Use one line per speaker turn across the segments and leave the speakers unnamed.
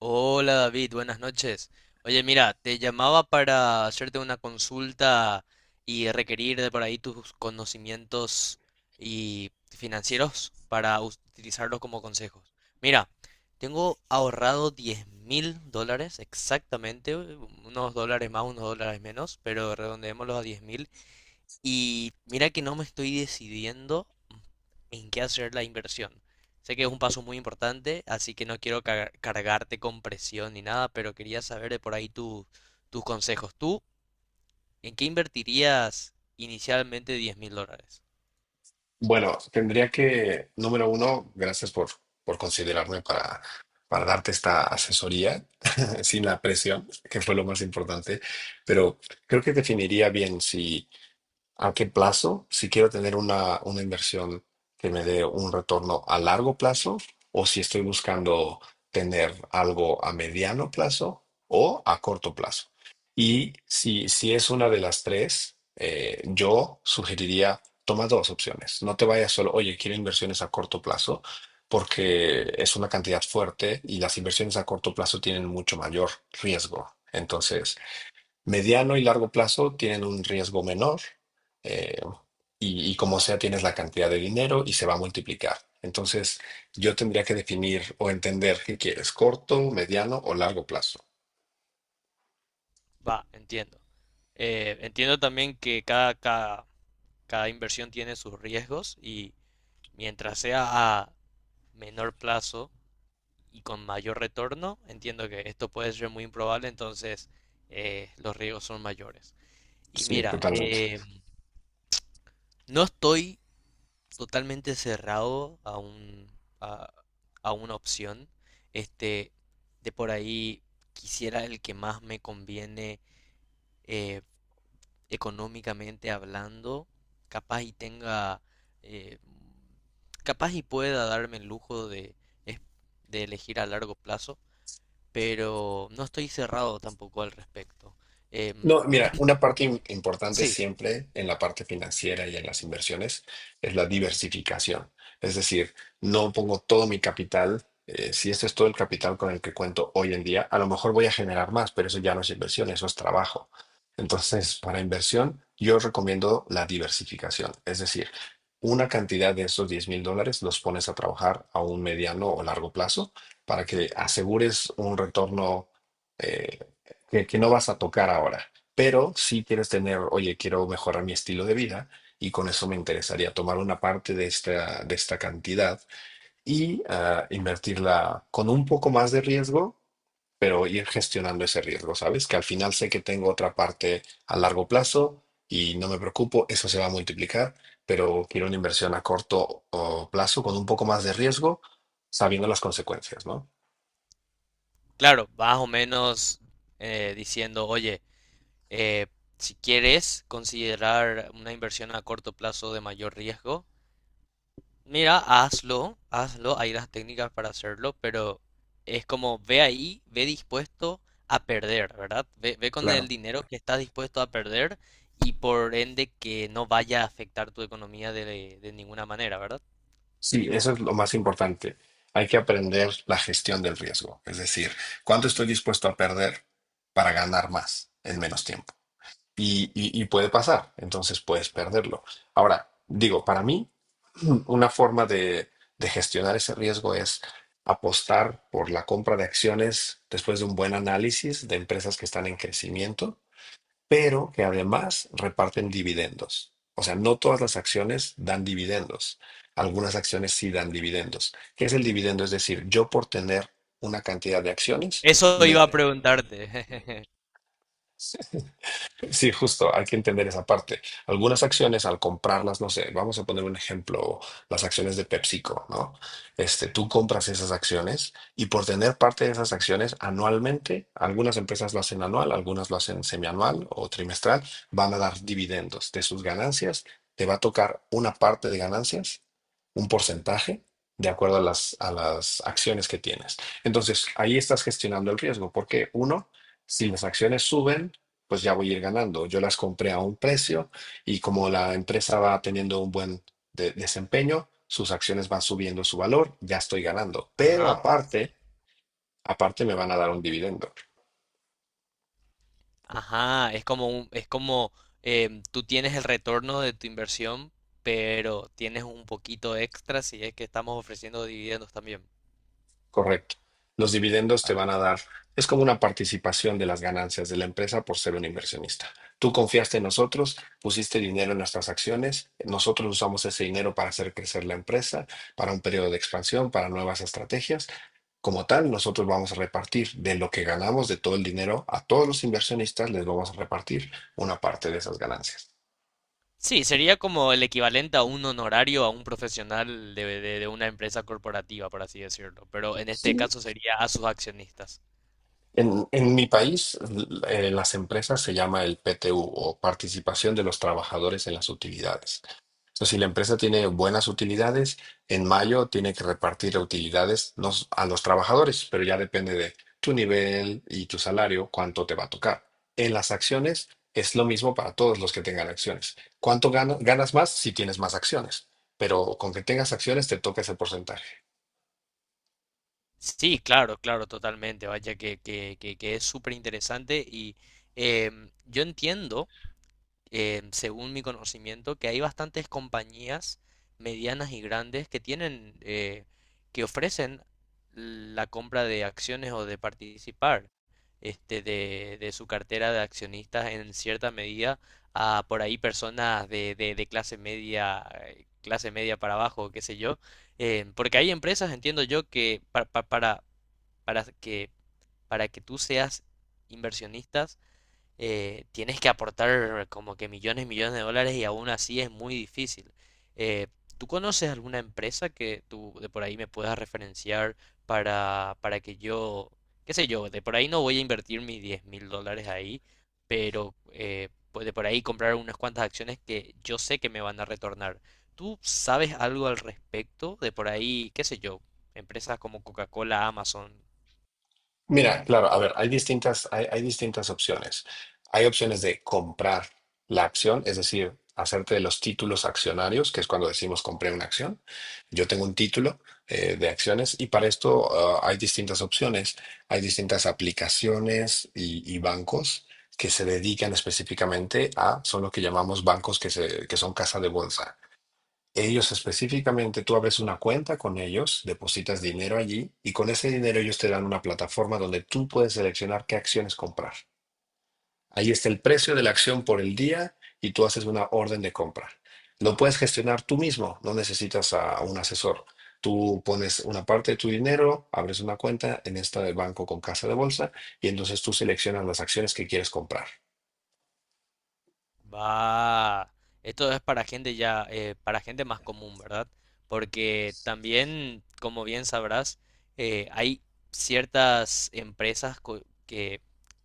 Hola David, buenas noches. Oye, mira, te llamaba para hacerte una consulta y requerir de por ahí tus conocimientos y financieros para utilizarlos como consejos. Mira, tengo ahorrado $10.000 exactamente, unos dólares más, unos dólares menos, pero redondeémoslos a 10.000 y mira que no me estoy decidiendo en qué hacer la inversión. Sé que es un paso muy importante, así que no quiero cargarte con presión ni nada, pero quería saber de por ahí tus consejos. ¿Tú en qué invertirías inicialmente $10.000?
Bueno, tendría que, número uno, gracias por considerarme para darte esta asesoría sin la presión, que fue lo más importante, pero creo que definiría bien si. ¿A qué plazo? Si quiero tener una inversión que me dé un retorno a largo plazo, o si estoy buscando tener algo a mediano plazo o a corto plazo. Y si es una de las tres, yo sugeriría toma dos opciones. No te vayas solo, oye, quiero inversiones a corto plazo, porque es una cantidad fuerte y las inversiones a corto plazo tienen mucho mayor riesgo. Entonces, mediano y largo plazo tienen un riesgo menor, eh, y como sea tienes la cantidad de dinero y se va a multiplicar. Entonces yo tendría que definir o entender qué quieres, corto, mediano o largo plazo.
Va, entiendo. Entiendo también que cada inversión tiene sus riesgos y mientras sea a menor plazo, y con mayor retorno, entiendo que esto puede ser muy improbable, entonces los riesgos son mayores. Y
Sí,
mira,
totalmente.
no estoy totalmente cerrado a, a una opción. Este, de por ahí quisiera el que más me conviene eh, económicamente hablando, capaz y tenga, eh, capaz y pueda darme el lujo es- de elegir a largo plazo. Pero no estoy cerrado tampoco al respecto. Em,
No, mira, una parte importante
sí,
siempre en la parte financiera y en las inversiones es la diversificación. Es decir, no pongo todo mi capital. Si este es todo el capital con el que cuento hoy en día, a lo mejor voy a generar más, pero eso ya no es inversión, eso es trabajo. Entonces, para inversión, yo recomiendo la diversificación. Es decir, una cantidad de esos $10,000 los pones a trabajar a un mediano o largo plazo para que asegures un retorno, eh, que no vas a tocar ahora. Pero si quieres tener, oye, quiero mejorar mi estilo de vida y con eso me interesaría tomar una parte de esta cantidad y invertirla con un poco más de riesgo, pero ir gestionando ese riesgo, ¿sabes? Que al final sé que tengo otra parte a largo plazo y no me preocupo, eso se va a multiplicar, pero quiero una inversión a corto o plazo con un poco más de riesgo, sabiendo las consecuencias, ¿no?
claro, más o menos diciendo, oye, eh, si quieres considerar una inversión a corto plazo de mayor riesgo, mira, hazlo, hazlo, hay las técnicas para hacerlo, pero es como ve ahí, ve dispuesto a perder, ¿verdad? Ve, ve con el
Claro.
dinero que estás dispuesto a perder y por ende que no vaya a afectar tu economía de ninguna manera, ¿verdad?
Sí, eso es lo más importante. Hay que aprender la gestión del riesgo, es decir, cuánto estoy dispuesto a perder para ganar más en menos tiempo. Y puede pasar, entonces puedes perderlo. Ahora, digo, para mí, una forma de gestionar ese riesgo es apostar por la compra de acciones después de un buen análisis de empresas que están en crecimiento pero que además reparten dividendos. O sea, no todas las acciones dan dividendos. Algunas acciones sí dan dividendos. ¿Qué es el dividendo? Es decir, yo por tener una cantidad de acciones,
Eso iba
me.
a preguntarte.
Sí, justo, hay que entender esa parte. Algunas acciones al comprarlas, no sé, vamos a poner un ejemplo, las acciones de PepsiCo, ¿no? Este, tú compras esas acciones y por tener parte de esas acciones anualmente, algunas empresas lo hacen anual, algunas lo hacen semianual o trimestral, van a dar dividendos de sus ganancias, te va a tocar una parte de ganancias, un porcentaje, de acuerdo a a las acciones que tienes. Entonces, ahí estás gestionando el riesgo, porque uno, si las acciones suben, pues ya voy a ir ganando. Yo las compré a un precio y como la empresa va teniendo un buen desempeño, sus acciones van subiendo su valor, ya estoy ganando. Pero
Ajá. Sí.
aparte, aparte me van a dar un dividendo.
Ajá, es como tú tienes el retorno de tu inversión, pero tienes un poquito extra si es que estamos ofreciendo dividendos también.
Correcto. Los dividendos te van a dar, es como una participación de las ganancias de la empresa por ser un inversionista. Tú confiaste en nosotros, pusiste dinero en nuestras acciones, nosotros usamos ese dinero para hacer crecer la empresa, para un periodo de expansión, para nuevas estrategias. Como tal, nosotros vamos a repartir de lo que ganamos, de todo el dinero, a todos los inversionistas les vamos a repartir una parte de esas ganancias.
Sí, sería como el equivalente a un honorario a un profesional de una empresa corporativa, por así decirlo, pero en este
Sí.
caso sería a sus accionistas.
En mi país, las empresas se llama el PTU o participación de los trabajadores en las utilidades. Entonces, si la empresa tiene buenas utilidades, en mayo tiene que repartir utilidades nos- a los trabajadores, pero ya depende de tu nivel y tu salario, cuánto te va a tocar. En las acciones es lo mismo para todos los que tengan acciones. ¿Cuánto ganas más si tienes más acciones? Pero con que tengas acciones te toca ese porcentaje.
Sí, claro, claro, totalmente, vaya que es súper interesante y yo entiendo según mi conocimiento, que hay bastantes compañías medianas y grandes que tienen, que ofrecen la compra de acciones o de participar de su cartera de accionistas en cierta medida a por ahí personas de clase media para abajo, qué sé yo, porque hay empresas, entiendo yo, que para que para que tú seas inversionistas tienes que aportar como que millones y millones de dólares y aún así es muy difícil. Eh, ¿Tú conoces alguna empresa que tú de por ahí me puedas referenciar para que yo, qué sé yo, de por ahí no voy a invertir mis $10.000 ahí, pero pues de por ahí comprar unas cuantas acciones que yo sé que me van a retornar? ¿Tú sabes algo al respecto? De por ahí, qué sé yo, empresas como Coca-Cola, Amazon.
Mira, claro, a ver, hay distintas opciones. Hay opciones de comprar la acción, es decir, hacerte de los títulos accionarios, que es cuando decimos compré una acción. Yo tengo un título, de acciones y para esto, hay distintas opciones. Hay distintas aplicaciones y bancos que se dedican específicamente a, son lo que llamamos bancos que son casa de bolsa. Ellos específicamente, tú abres una cuenta con ellos, depositas dinero allí y con ese dinero ellos te dan una plataforma donde tú puedes seleccionar qué acciones comprar. Ahí está el precio de la acción por el día y tú haces una orden de compra. Lo puedes gestionar tú mismo, no necesitas a un asesor. Tú pones una parte de tu dinero, abres una cuenta en esta de banco con casa de bolsa y entonces tú seleccionas las acciones que quieres comprar.
Va. Esto es para gente ya, para gente más común, ¿verdad? Porque también, como bien sabrás, hay ciertas empresas que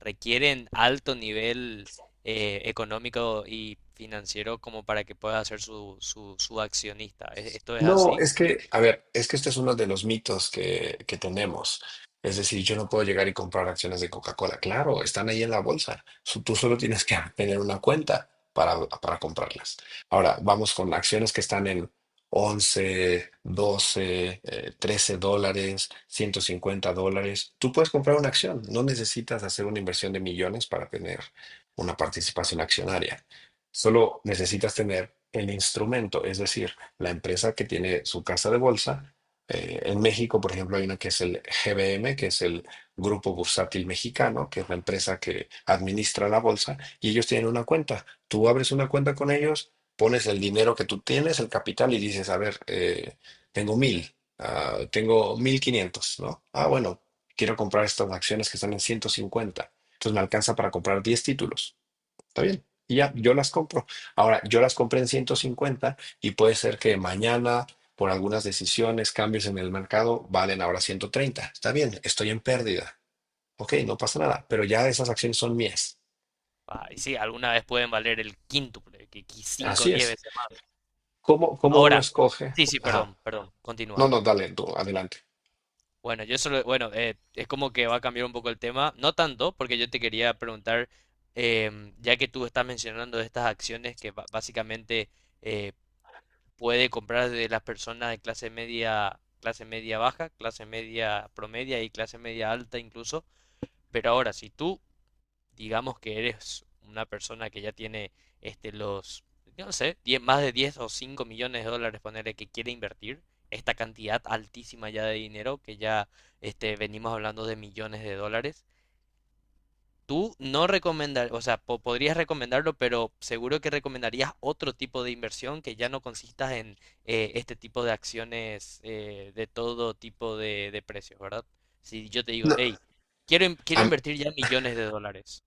requieren alto nivel económico y financiero como para que pueda ser su accionista. ¿Esto es
No,
así?
es que, a ver, es que este es uno de los mitos que tenemos. Es decir, yo no puedo llegar y comprar acciones de Coca-Cola. Claro, están ahí en la bolsa. Tú solo tienes que tener una cuenta para comprarlas. Ahora, vamos con acciones que están en 11, 12, $13, $150. Tú puedes comprar una acción. No necesitas hacer una inversión de millones para tener una participación accionaria. Solo necesitas tener el instrumento, es decir, la empresa que tiene su casa de bolsa. En México, por ejemplo, hay una que es el GBM, que es el Grupo Bursátil Mexicano, que es la empresa que administra la bolsa, y ellos tienen una cuenta. Tú abres una cuenta con ellos, pones el dinero que tú tienes, el capital, y dices, a ver, tengo 1,500, ¿no? Ah, bueno, quiero comprar estas acciones que están en 150. Entonces me alcanza para comprar 10 títulos. Está bien. Y ya, yo las compro. Ahora, yo las compré en 150 y puede ser que mañana, por algunas decisiones, cambios en el mercado, valen ahora 130. Está bien, estoy en pérdida. Ok, no pasa nada, pero ya esas acciones son mías.
Ah, y sí, alguna vez pueden valer el quíntuple, que cinco, o
Así
10
es.
veces más.
¿Cómo uno
Ahora,
escoge?
sí, sí,
Ajá.
perdón, perdón,
No,
continúa.
no, dale, tú, adelante.
Bueno, yo solo, bueno, es como que va a cambiar un poco el tema, no tanto, porque yo te quería preguntar, ya que tú estás mencionando estas acciones que básicamente eh, puede comprar de las personas de clase media baja, clase media promedia y clase media alta incluso, pero ahora, si tú digamos que eres una persona que ya tiene este, los, no sé, 10 más de 10 o 5 millones de dólares, ponerle que quiere invertir esta cantidad altísima ya de dinero, que ya venimos hablando de millones de dólares. Tú no recomendar, o sea, podrías recomendarlo, pero seguro que recomendarías otro tipo de inversión que ya no consista en este tipo de acciones de todo tipo de precios, ¿verdad? Si yo te digo,
No.
hey, quiero
A,
invertir ya millones de dólares.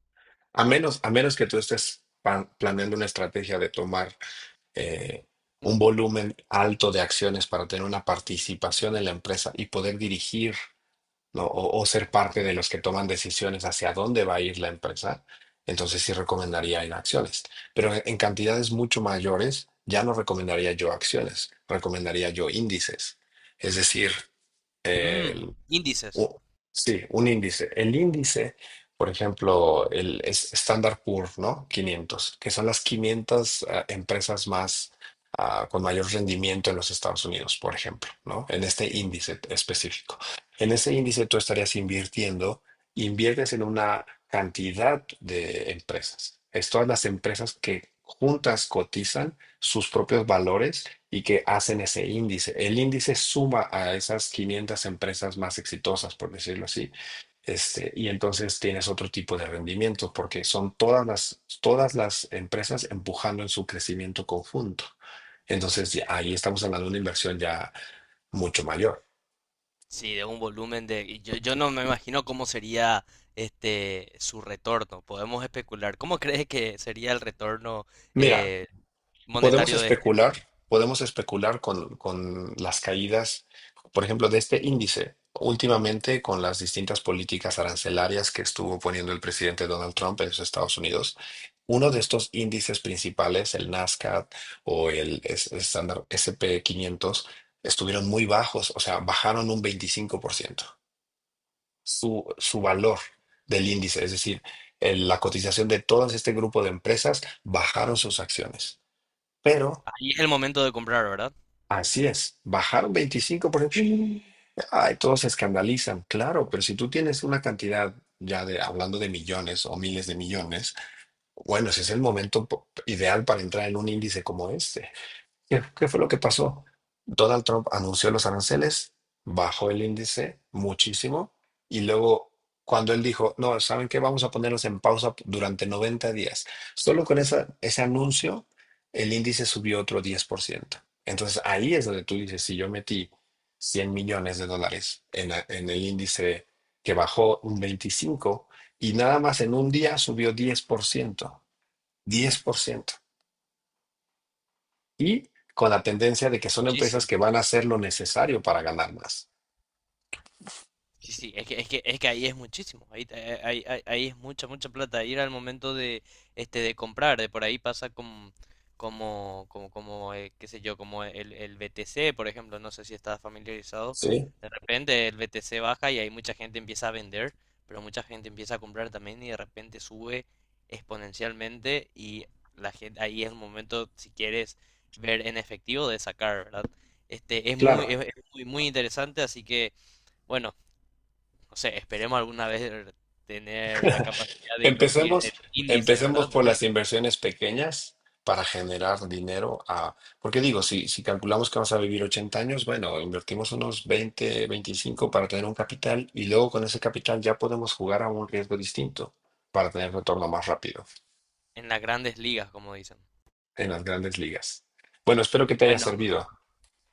a menos que tú estés planeando una estrategia de tomar, eh, un volumen alto de acciones para tener una participación en la empresa y poder dirigir, ¿no? O ser parte de los que toman decisiones hacia dónde va a ir la empresa, entonces sí recomendaría en acciones. Pero en cantidades mucho mayores, ya no recomendaría yo acciones, recomendaría yo índices. Es decir, eh,
Índices.
u- sí, un índice. El índice, por ejemplo, el Standard Poor, ¿no? 500, que son las quinientas, empresas más, con mayor rendimiento en los Estados Unidos, por ejemplo, ¿no? En este índice específico. En ese índice tú estarías invirtiendo, inviertes en una cantidad de empresas. Es todas las empresas que juntas cotizan sus propios valores y que hacen ese índice. El índice suma a esas 500 empresas más exitosas, por decirlo así. Este, y entonces tienes otro tipo de rendimiento porque son todas las empresas empujando en su crecimiento conjunto. Entonces ahí estamos hablando de una inversión ya mucho mayor.
Sí, de un volumen de, y yo no me imagino cómo sería su retorno. Podemos especular. ¿Cómo crees que sería el retorno
Mira,
eh,
podemos
monetario de este
especular,
nivel?
podemos especular con las caídas, por ejemplo, de este índice, últimamente con las distintas políticas arancelarias que estuvo poniendo el presidente Donald Trump en los Estados Unidos. Uno de estos índices principales, el Nasdaq o el estándar S&P 500, estuvieron muy bajos, o sea, bajaron un 25%. Su valor del índice, es decir, la cotización de todo este grupo de empresas, bajaron sus acciones. Pero
Ahí es el momento de comprar, ¿verdad?
así es, bajaron 25%. Ay, todos se escandalizan, claro, pero si tú tienes una cantidad ya de hablando de millones o miles de millones, bueno, ese es el momento ideal para entrar en un índice como este. ¿Qué fue lo que pasó? Donald Trump anunció los aranceles, bajó el índice muchísimo y luego cuando él dijo, no, ¿saben qué? Vamos a ponerlos en pausa durante 90 días. Solo con esa, ese anuncio, el índice subió otro 10%. Entonces ahí es donde tú dices, si yo metí 100 millones de dólares en, en el índice que bajó un 25 y nada más en un día subió 10%, 10% y con la tendencia de
Es
que son empresas
muchísimo.
que van a hacer lo necesario para ganar más.
Sí, sí, es que ahí es muchísimo, ahí es mucha, mucha plata, ahí era el momento de comprar, de por ahí pasa con, qué sé yo, como el BTC, por ejemplo, no sé si estás familiarizado,
Sí,
de repente el BTC baja y ahí mucha gente empieza a vender, pero mucha gente empieza a comprar también y de repente sube exponencialmente y la gente, ahí es el momento, si quieres ver en efectivo, de sacar, ¿verdad? Es muy,
claro,
muy interesante, así que. Bueno, no sé, esperemos alguna vez tener la capacidad de invertir en
empecemos,
índice,
empecemos
¿verdad?
por las inversiones pequeñas para generar dinero a, porque digo, si calculamos que vamos a vivir 80 años, bueno, invertimos unos 20, 25 para tener un capital y luego con ese capital ya podemos jugar a un riesgo distinto para tener retorno más rápido
En las grandes ligas, como dicen.
en las grandes ligas. Bueno, espero que
Y
te haya
bueno,
servido.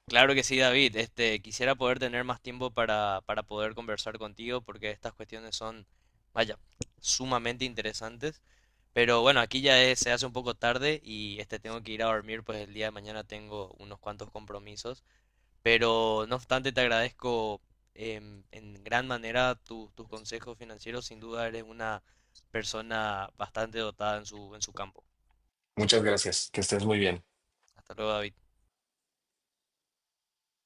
claro que sí, David. Quisiera poder tener más tiempo para poder conversar contigo porque estas cuestiones son, vaya, sumamente interesantes. Pero bueno, aquí ya se hace un poco tarde y tengo que ir a dormir, pues el día de mañana tengo unos cuantos compromisos. Pero no obstante, te agradezco en gran manera tus consejos financieros. Sin duda eres una persona bastante dotada en su campo.
Muchas gracias, que estés muy bien.
Hasta luego, David.